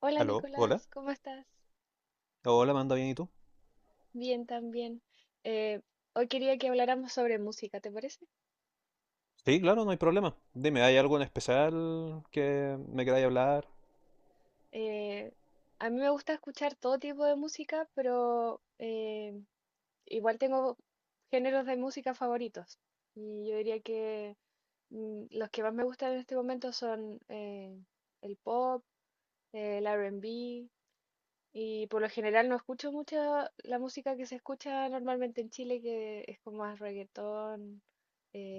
Hola Aló, hola. Nicolás, ¿cómo estás? Hola, manda bien, ¿y tú? Bien, también. Eh, hoy quería que habláramos sobre música, ¿te parece? Sí, claro, no hay problema. Dime, ¿hay algo en especial que me queráis hablar? Eh, a mí me gusta escuchar todo tipo de música, pero igual tengo géneros de música favoritos. Y yo diría que los que más me gustan en este momento son el pop, el R&B. Y por lo general no escucho mucha la música que se escucha normalmente en Chile, que es como más reggaetón,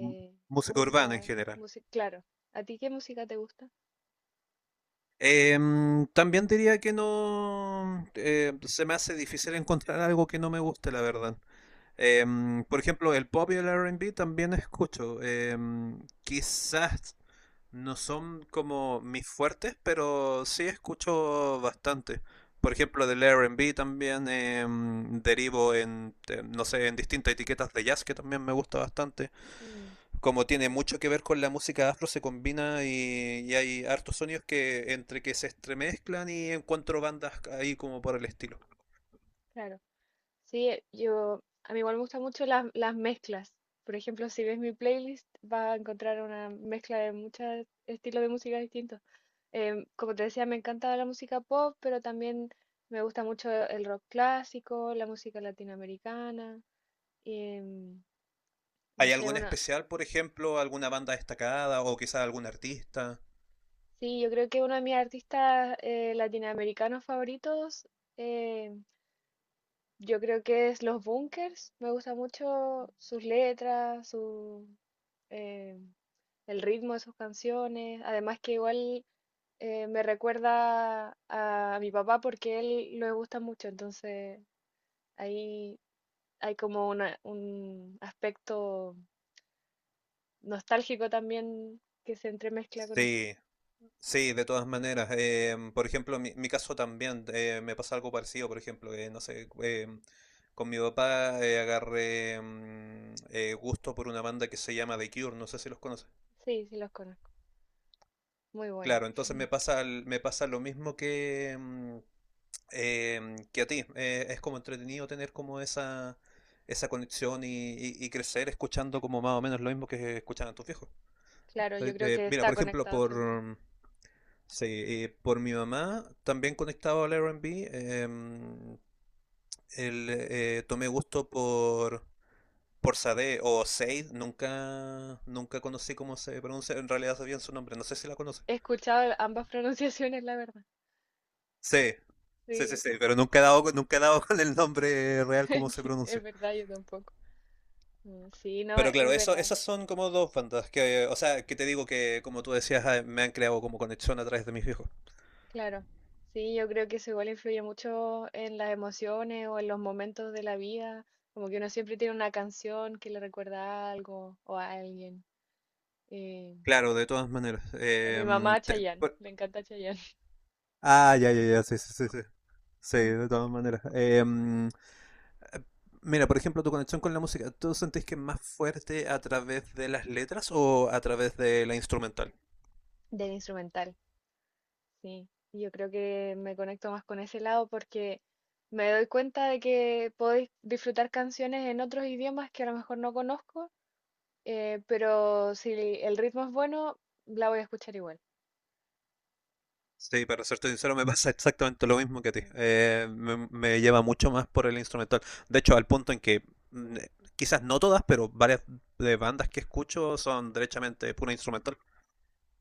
M- música urbana en cumbia, general. música, claro. ¿A ti qué música te gusta? También diría que no se me hace difícil encontrar algo que no me guste, la verdad. Em, por ejemplo, el pop y el R&B también escucho. Quizás no son como mis fuertes, pero sí escucho bastante. Por ejemplo, del R&B también derivo en, no sé, en distintas etiquetas de jazz que también me gusta bastante. Mm, Como tiene claro, mucho que ver con la música afro, se combina y hay hartos sonidos que entre que se estremezclan y encuentro bandas ahí como por el estilo. claro. Sí, a mí igual me gustan mucho las mezclas. Por ejemplo, si ves mi playlist, vas a encontrar una mezcla de muchos estilos de música distintos. Como te decía, me encanta la música pop, pero también me gusta mucho el rock clásico, la música latinoamericana. Em, no ¿Hay sé, alguna bueno, especial, por ejemplo, alguna banda destacada o quizás algún artista? sí, yo creo que uno de mis artistas latinoamericanos favoritos, eh, yo creo que es Los Bunkers. Me gusta mucho sus letras, eh, el ritmo de sus canciones. Además que igual me recuerda a mi papá porque él lo gusta mucho, entonces ahí hay como un aspecto nostálgico también que se entremezcla con eso. Sí, sí, de todas maneras. Por ejemplo, mi caso también me pasa algo parecido. Por ejemplo, no sé, con mi papá agarré gusto por una banda que se llama The Cure. No sé si los conoces. Sí, sí los conozco. Muy bueno. Claro, entonces me pasa, el- me pasa lo mismo que, que a ti. Es como entretenido tener como esa conexión y crecer escuchando como más o menos lo mismo que escuchaban tus viejos. Claro, yo Entonces, creo que mira, por está ejemplo, conectado siempre. por, sí, y por mi mamá, también conectado al R&B, em, el, tomé gusto por Sade o Sade, nunca, nunca conocí cómo se pronuncia, en realidad sabía su nombre, no sé si la conoce. He escuchado ambas pronunciaciones, la verdad. Sí, sí, sí, Sí, sí, pero nunca he dado, con- nunca he dado con el nombre real cómo se es pronuncia. verdad, yo tampoco. Mm, sí, no, Pero claro, es eso, verdad, esas son como dos bandas que, o sea, que te digo que, como tú decías, ah, me han creado como conexión a través de mis viejos. claro. Sí, yo creo que eso igual influye mucho en las emociones o en los momentos de la vida. Como que uno siempre tiene una canción que le recuerda a algo o a alguien. Eh, Claro, de todas maneras. a mi mamá Te- Chayanne, le encanta Chayanne. ah, ya, ya, ya, sí, sí, sí, sí. Sí, de todas maneras. Eh, Mira, por ejemplo, tu conexión con la música, ¿tú sentís que es más fuerte a través de las letras o a través de la instrumental? Del instrumental. Sí, yo creo que me conecto más con ese lado porque me doy cuenta de que puedo disfrutar canciones en otros idiomas que a lo mejor no conozco, pero si el ritmo es bueno, la voy a escuchar igual. Sí, para serte sincero, me pasa exactamente lo mismo que a ti. Mm, Me lleva mucho más por el instrumental. De hecho, al punto en que quizás no todas, pero varias de bandas que escucho son derechamente pura instrumental.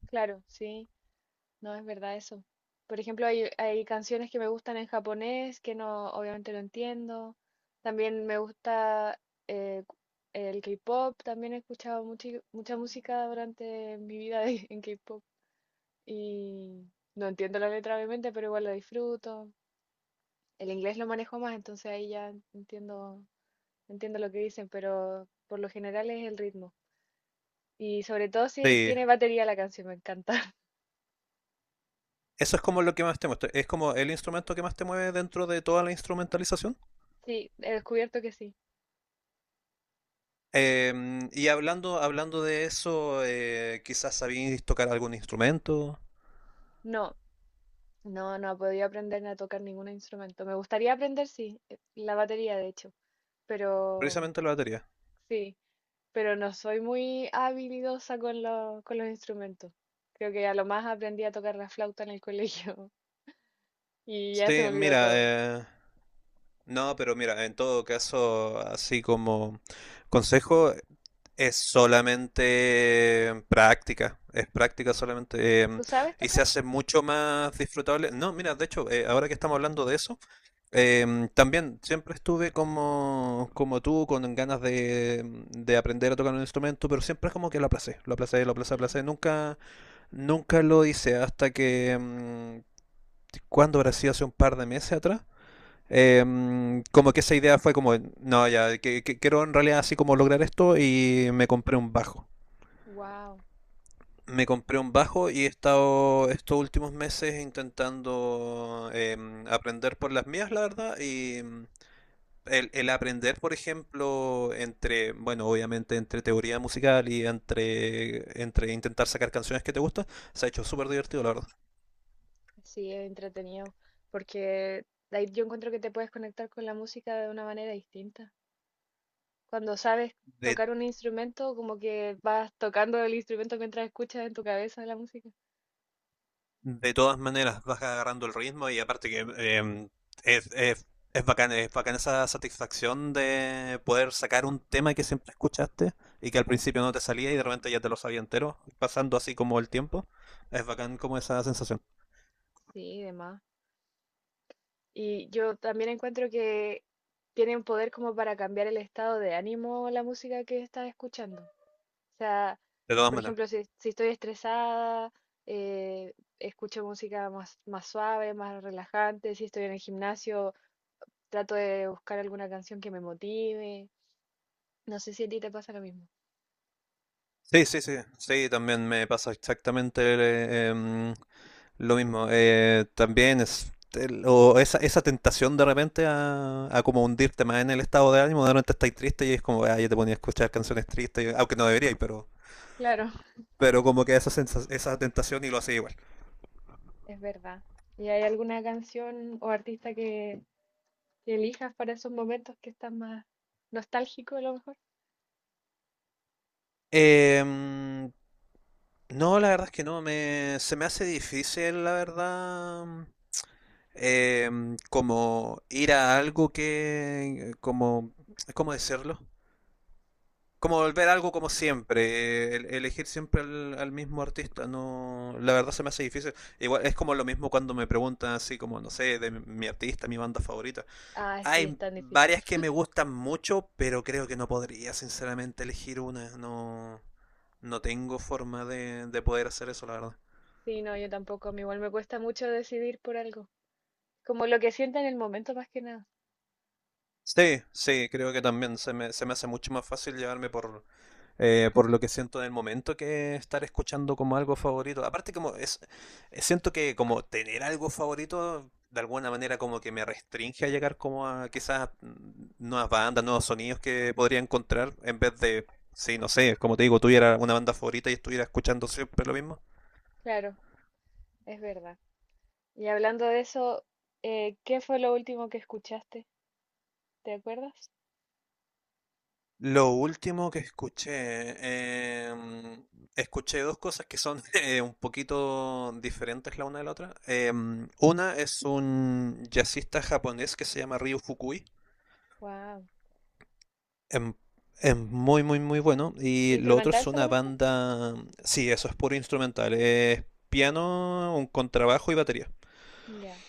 claro, sí, no es verdad eso. Por ejemplo, hay canciones que me gustan en japonés que no, obviamente no entiendo. También me gusta eh, cu- el K-pop, también he escuchado mucha música durante mi vida en K-pop. Y no entiendo la letra obviamente, pero igual la disfruto. El inglés lo manejo más, entonces ahí ya entiendo, entiendo lo que dicen, pero por lo general es el ritmo. Y sobre todo si Sí, tiene batería la canción, me encanta. eso es como lo que más te muestra. Es como el instrumento que más te mueve dentro de toda la instrumentalización. Sí, he descubierto que sí. Y hablando de eso, quizás sabéis tocar algún instrumento, No, no, no he podido aprender a tocar ningún instrumento. Me gustaría aprender, sí, la batería de hecho, pero precisamente la batería. sí, pero no soy muy habilidosa con con los instrumentos. Creo que a lo más aprendí a tocar la flauta en el colegio. Y ya se me Sí, olvidó mira, todo. No, pero mira, en todo caso, así como consejo, es solamente práctica, es práctica solamente, ¿Tú sabes y se tocar? hace mucho más disfrutable. No, mira, de hecho, ahora que estamos hablando de eso, también siempre estuve como, como tú, con ganas de aprender a tocar un instrumento, pero siempre es como que lo aplacé, lo aplacé, lo aplacé, Mm. aplacé. Nunca, nunca lo hice hasta que, ¿cuándo habrá sido? Hace un par de meses atrás. Como que esa idea fue como, no, ya, que quiero en realidad así como lograr esto y me compré un bajo. Wow, Me compré un bajo y he estado estos últimos meses intentando aprender por las mías, la verdad, y el aprender, por ejemplo, entre, bueno, obviamente entre teoría musical y entre, entre intentar sacar canciones que te gustan, se ha hecho súper divertido, la verdad. sí, es entretenido, porque ahí yo encuentro que te puedes conectar con la música de una manera distinta. Cuando sabes De tocar un instrumento, como que vas tocando el instrumento mientras escuchas en tu cabeza la música. de todas maneras vas agarrando el ritmo y aparte que es, es, es bacán esa satisfacción de poder sacar un tema que siempre escuchaste y que al principio no te salía y de repente ya te lo sabía entero, pasando así como el tiempo. Es bacán como esa sensación. Sí, demás. Y yo también encuentro que tiene un poder como para cambiar el estado de ánimo la música que estás escuchando. O sea, De todas por maneras. ejemplo, si estoy estresada, eh, escucho música más suave, más relajante. Si estoy en el gimnasio, trato de buscar alguna canción que me motive. No sé si a ti te pasa lo mismo. Sí, sí, sí. Sí, también me pasa exactamente lo mismo, también es el- o esa tentación de repente a como hundirte más en el estado de ánimo, de repente estáis triste y es como, ah, yo te ponía a escuchar canciones tristes, y- aunque no deberíais, Claro, pero como que esa, sensa- esa tentación y lo hacía igual. es verdad. ¿Y hay alguna canción o artista que elijas para esos momentos que estás más nostálgico a lo mejor? Em, no, la verdad es que no, me, se me hace difícil, la verdad, eh, como ir a algo que, como, ¿cómo decirlo? Como volver a algo como siempre, el- elegir siempre al, al mismo artista, no, la verdad se me hace difícil. Igual es como lo mismo cuando me preguntan así como, no sé, de mi, mi artista, mi banda favorita. Ah, sí, es Hay tan difícil. varias que me gustan mucho, pero creo que no podría sinceramente elegir una, no, no tengo forma de poder hacer eso, la verdad. Sí, no, yo tampoco. A mí igual me cuesta mucho decidir por algo. Como lo que sienta en el momento más que nada. Sí, sí, creo que también se me hace mucho más fácil llevarme por lo que siento en el momento que estar escuchando como algo favorito. Aparte como es, siento que como tener algo favorito de alguna manera como que me restringe a llegar como a quizás nuevas bandas, nuevos sonidos que podría encontrar en vez de, sí, no sé, como te digo, tuviera una banda favorita y estuviera escuchando siempre lo mismo. Claro, es verdad. Y hablando de eso, ¿qué fue lo último que escuchaste? ¿Te acuerdas? Lo último que escuché, escuché dos cosas que son un poquito diferentes la una de la otra. Em, una es un jazzista japonés que se llama Ryu Fukui. Wow. Em, es muy, muy, muy bueno. Y lo otro ¿Instrumental es una solamente? banda... Sí, eso es puro instrumental. Es piano, un contrabajo y batería. Ya,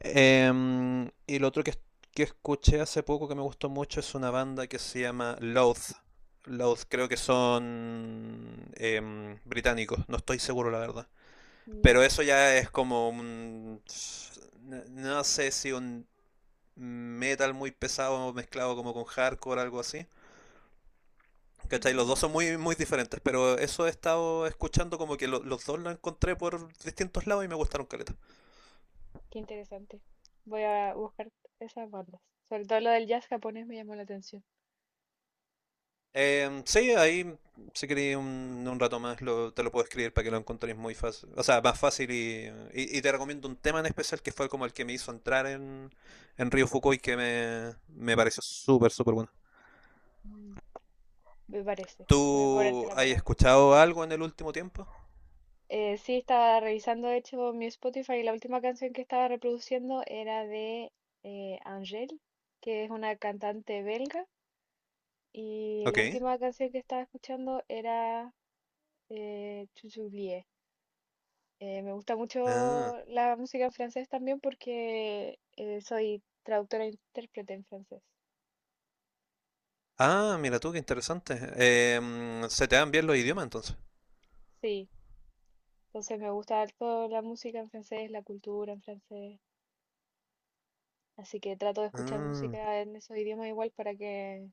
Y lo otro que escuché hace poco que me gustó mucho es una banda que se llama Loath. Loath creo que son británicos, no estoy seguro la verdad. Pero ya. eso ya es como un... n- no sé si un metal muy pesado mezclado como con hardcore algo así. ¿Cachai? Los dos Mm, son muy, muy diferentes, pero eso he estado escuchando como que lo- los dos lo encontré por distintos lados y me gustaron caleta. qué interesante. Voy a buscar esas bandas. Sobre todo lo del jazz japonés me llamó la atención. Sí, ahí si queréis un rato más lo- te lo puedo escribir para que lo encontréis muy fácil, o sea, más fácil y te recomiendo un tema en especial que fue como el que me hizo entrar en Río Fukui que me pareció súper, súper bueno. Mm, me parece. Voy a cobrarte ¿Tú la has palabra. escuchado algo en el último tiempo? Sí, estaba revisando, de hecho, mi Spotify y la última canción que estaba reproduciendo era de Angèle, que es una cantante belga. Y la Ok. última canción que estaba escuchando era Chuchublie. Me gusta Ah, mucho la música en francés también porque soy traductora e intérprete en francés. ah, mira tú, qué interesante. Se te dan bien los idiomas entonces. Sí, entonces me gusta toda la música en francés, la cultura en francés. Así que trato de escuchar Ah, música en esos idiomas igual para que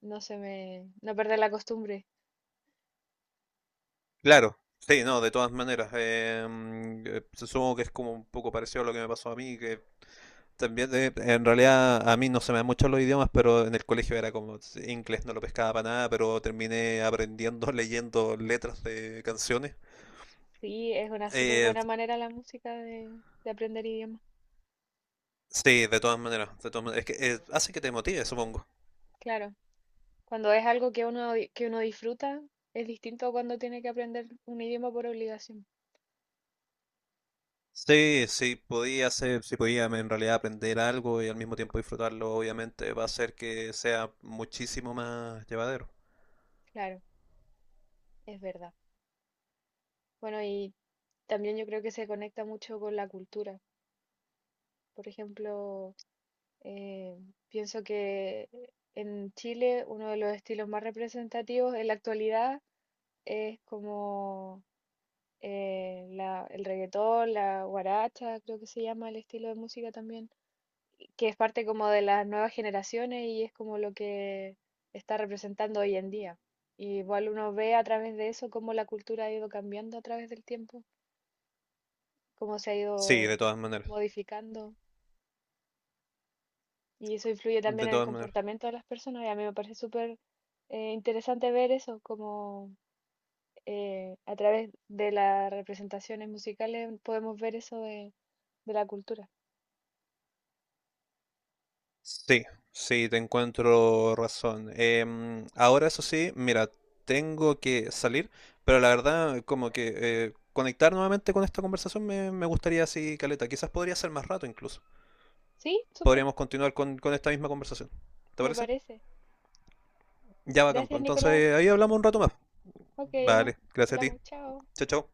no perder la costumbre. claro. Sí, no, de todas maneras. Supongo que es como un poco parecido a lo que me pasó a mí, que también, en realidad, a mí no se me dan mucho los idiomas, pero en el colegio era como sí, inglés, no lo pescaba para nada, pero terminé aprendiendo leyendo letras de canciones. Sí, es una súper Eh, buena manera la música de aprender idiomas. sí, de todas maneras, de todas maneras. Es que hace que te motive, supongo. Claro, cuando es algo que que uno disfruta, es distinto cuando tiene que aprender un idioma por obligación. Sí, sí, podía hacer, si podía en realidad aprender algo y al mismo tiempo disfrutarlo, obviamente va a hacer que sea muchísimo más llevadero. Claro. Es verdad. Bueno, y también yo creo que se conecta mucho con la cultura. Por ejemplo, eh, pienso que en Chile uno de los estilos más representativos en la actualidad es como el reggaetón, la guaracha, creo que se llama el estilo de música también, que es parte como de las nuevas generaciones y es como lo que está representando hoy en día. Y igual uno ve a través de eso cómo la cultura ha ido cambiando a través del tiempo. Cómo se ha Sí, de ido todas maneras, modificando y eso influye de también en el todas maneras. comportamiento de las personas y a mí me parece súper interesante ver eso, como a través de las representaciones musicales podemos ver eso de la cultura. Sí, sí, te encuentro razón. Ahora eso sí, mira, tengo que salir, pero la verdad, como que conectar nuevamente con esta conversación me, me gustaría así, caleta. Quizás podría ser más rato incluso. Sí, súper, Podríamos continuar con esta misma conversación. ¿Te me parece? parece. Ya va, campo. Gracias, Nicolás. Entonces ahí hablamos un rato más. Ok, nos Vale, gracias a ti. hablamos, chao. Chao, chao.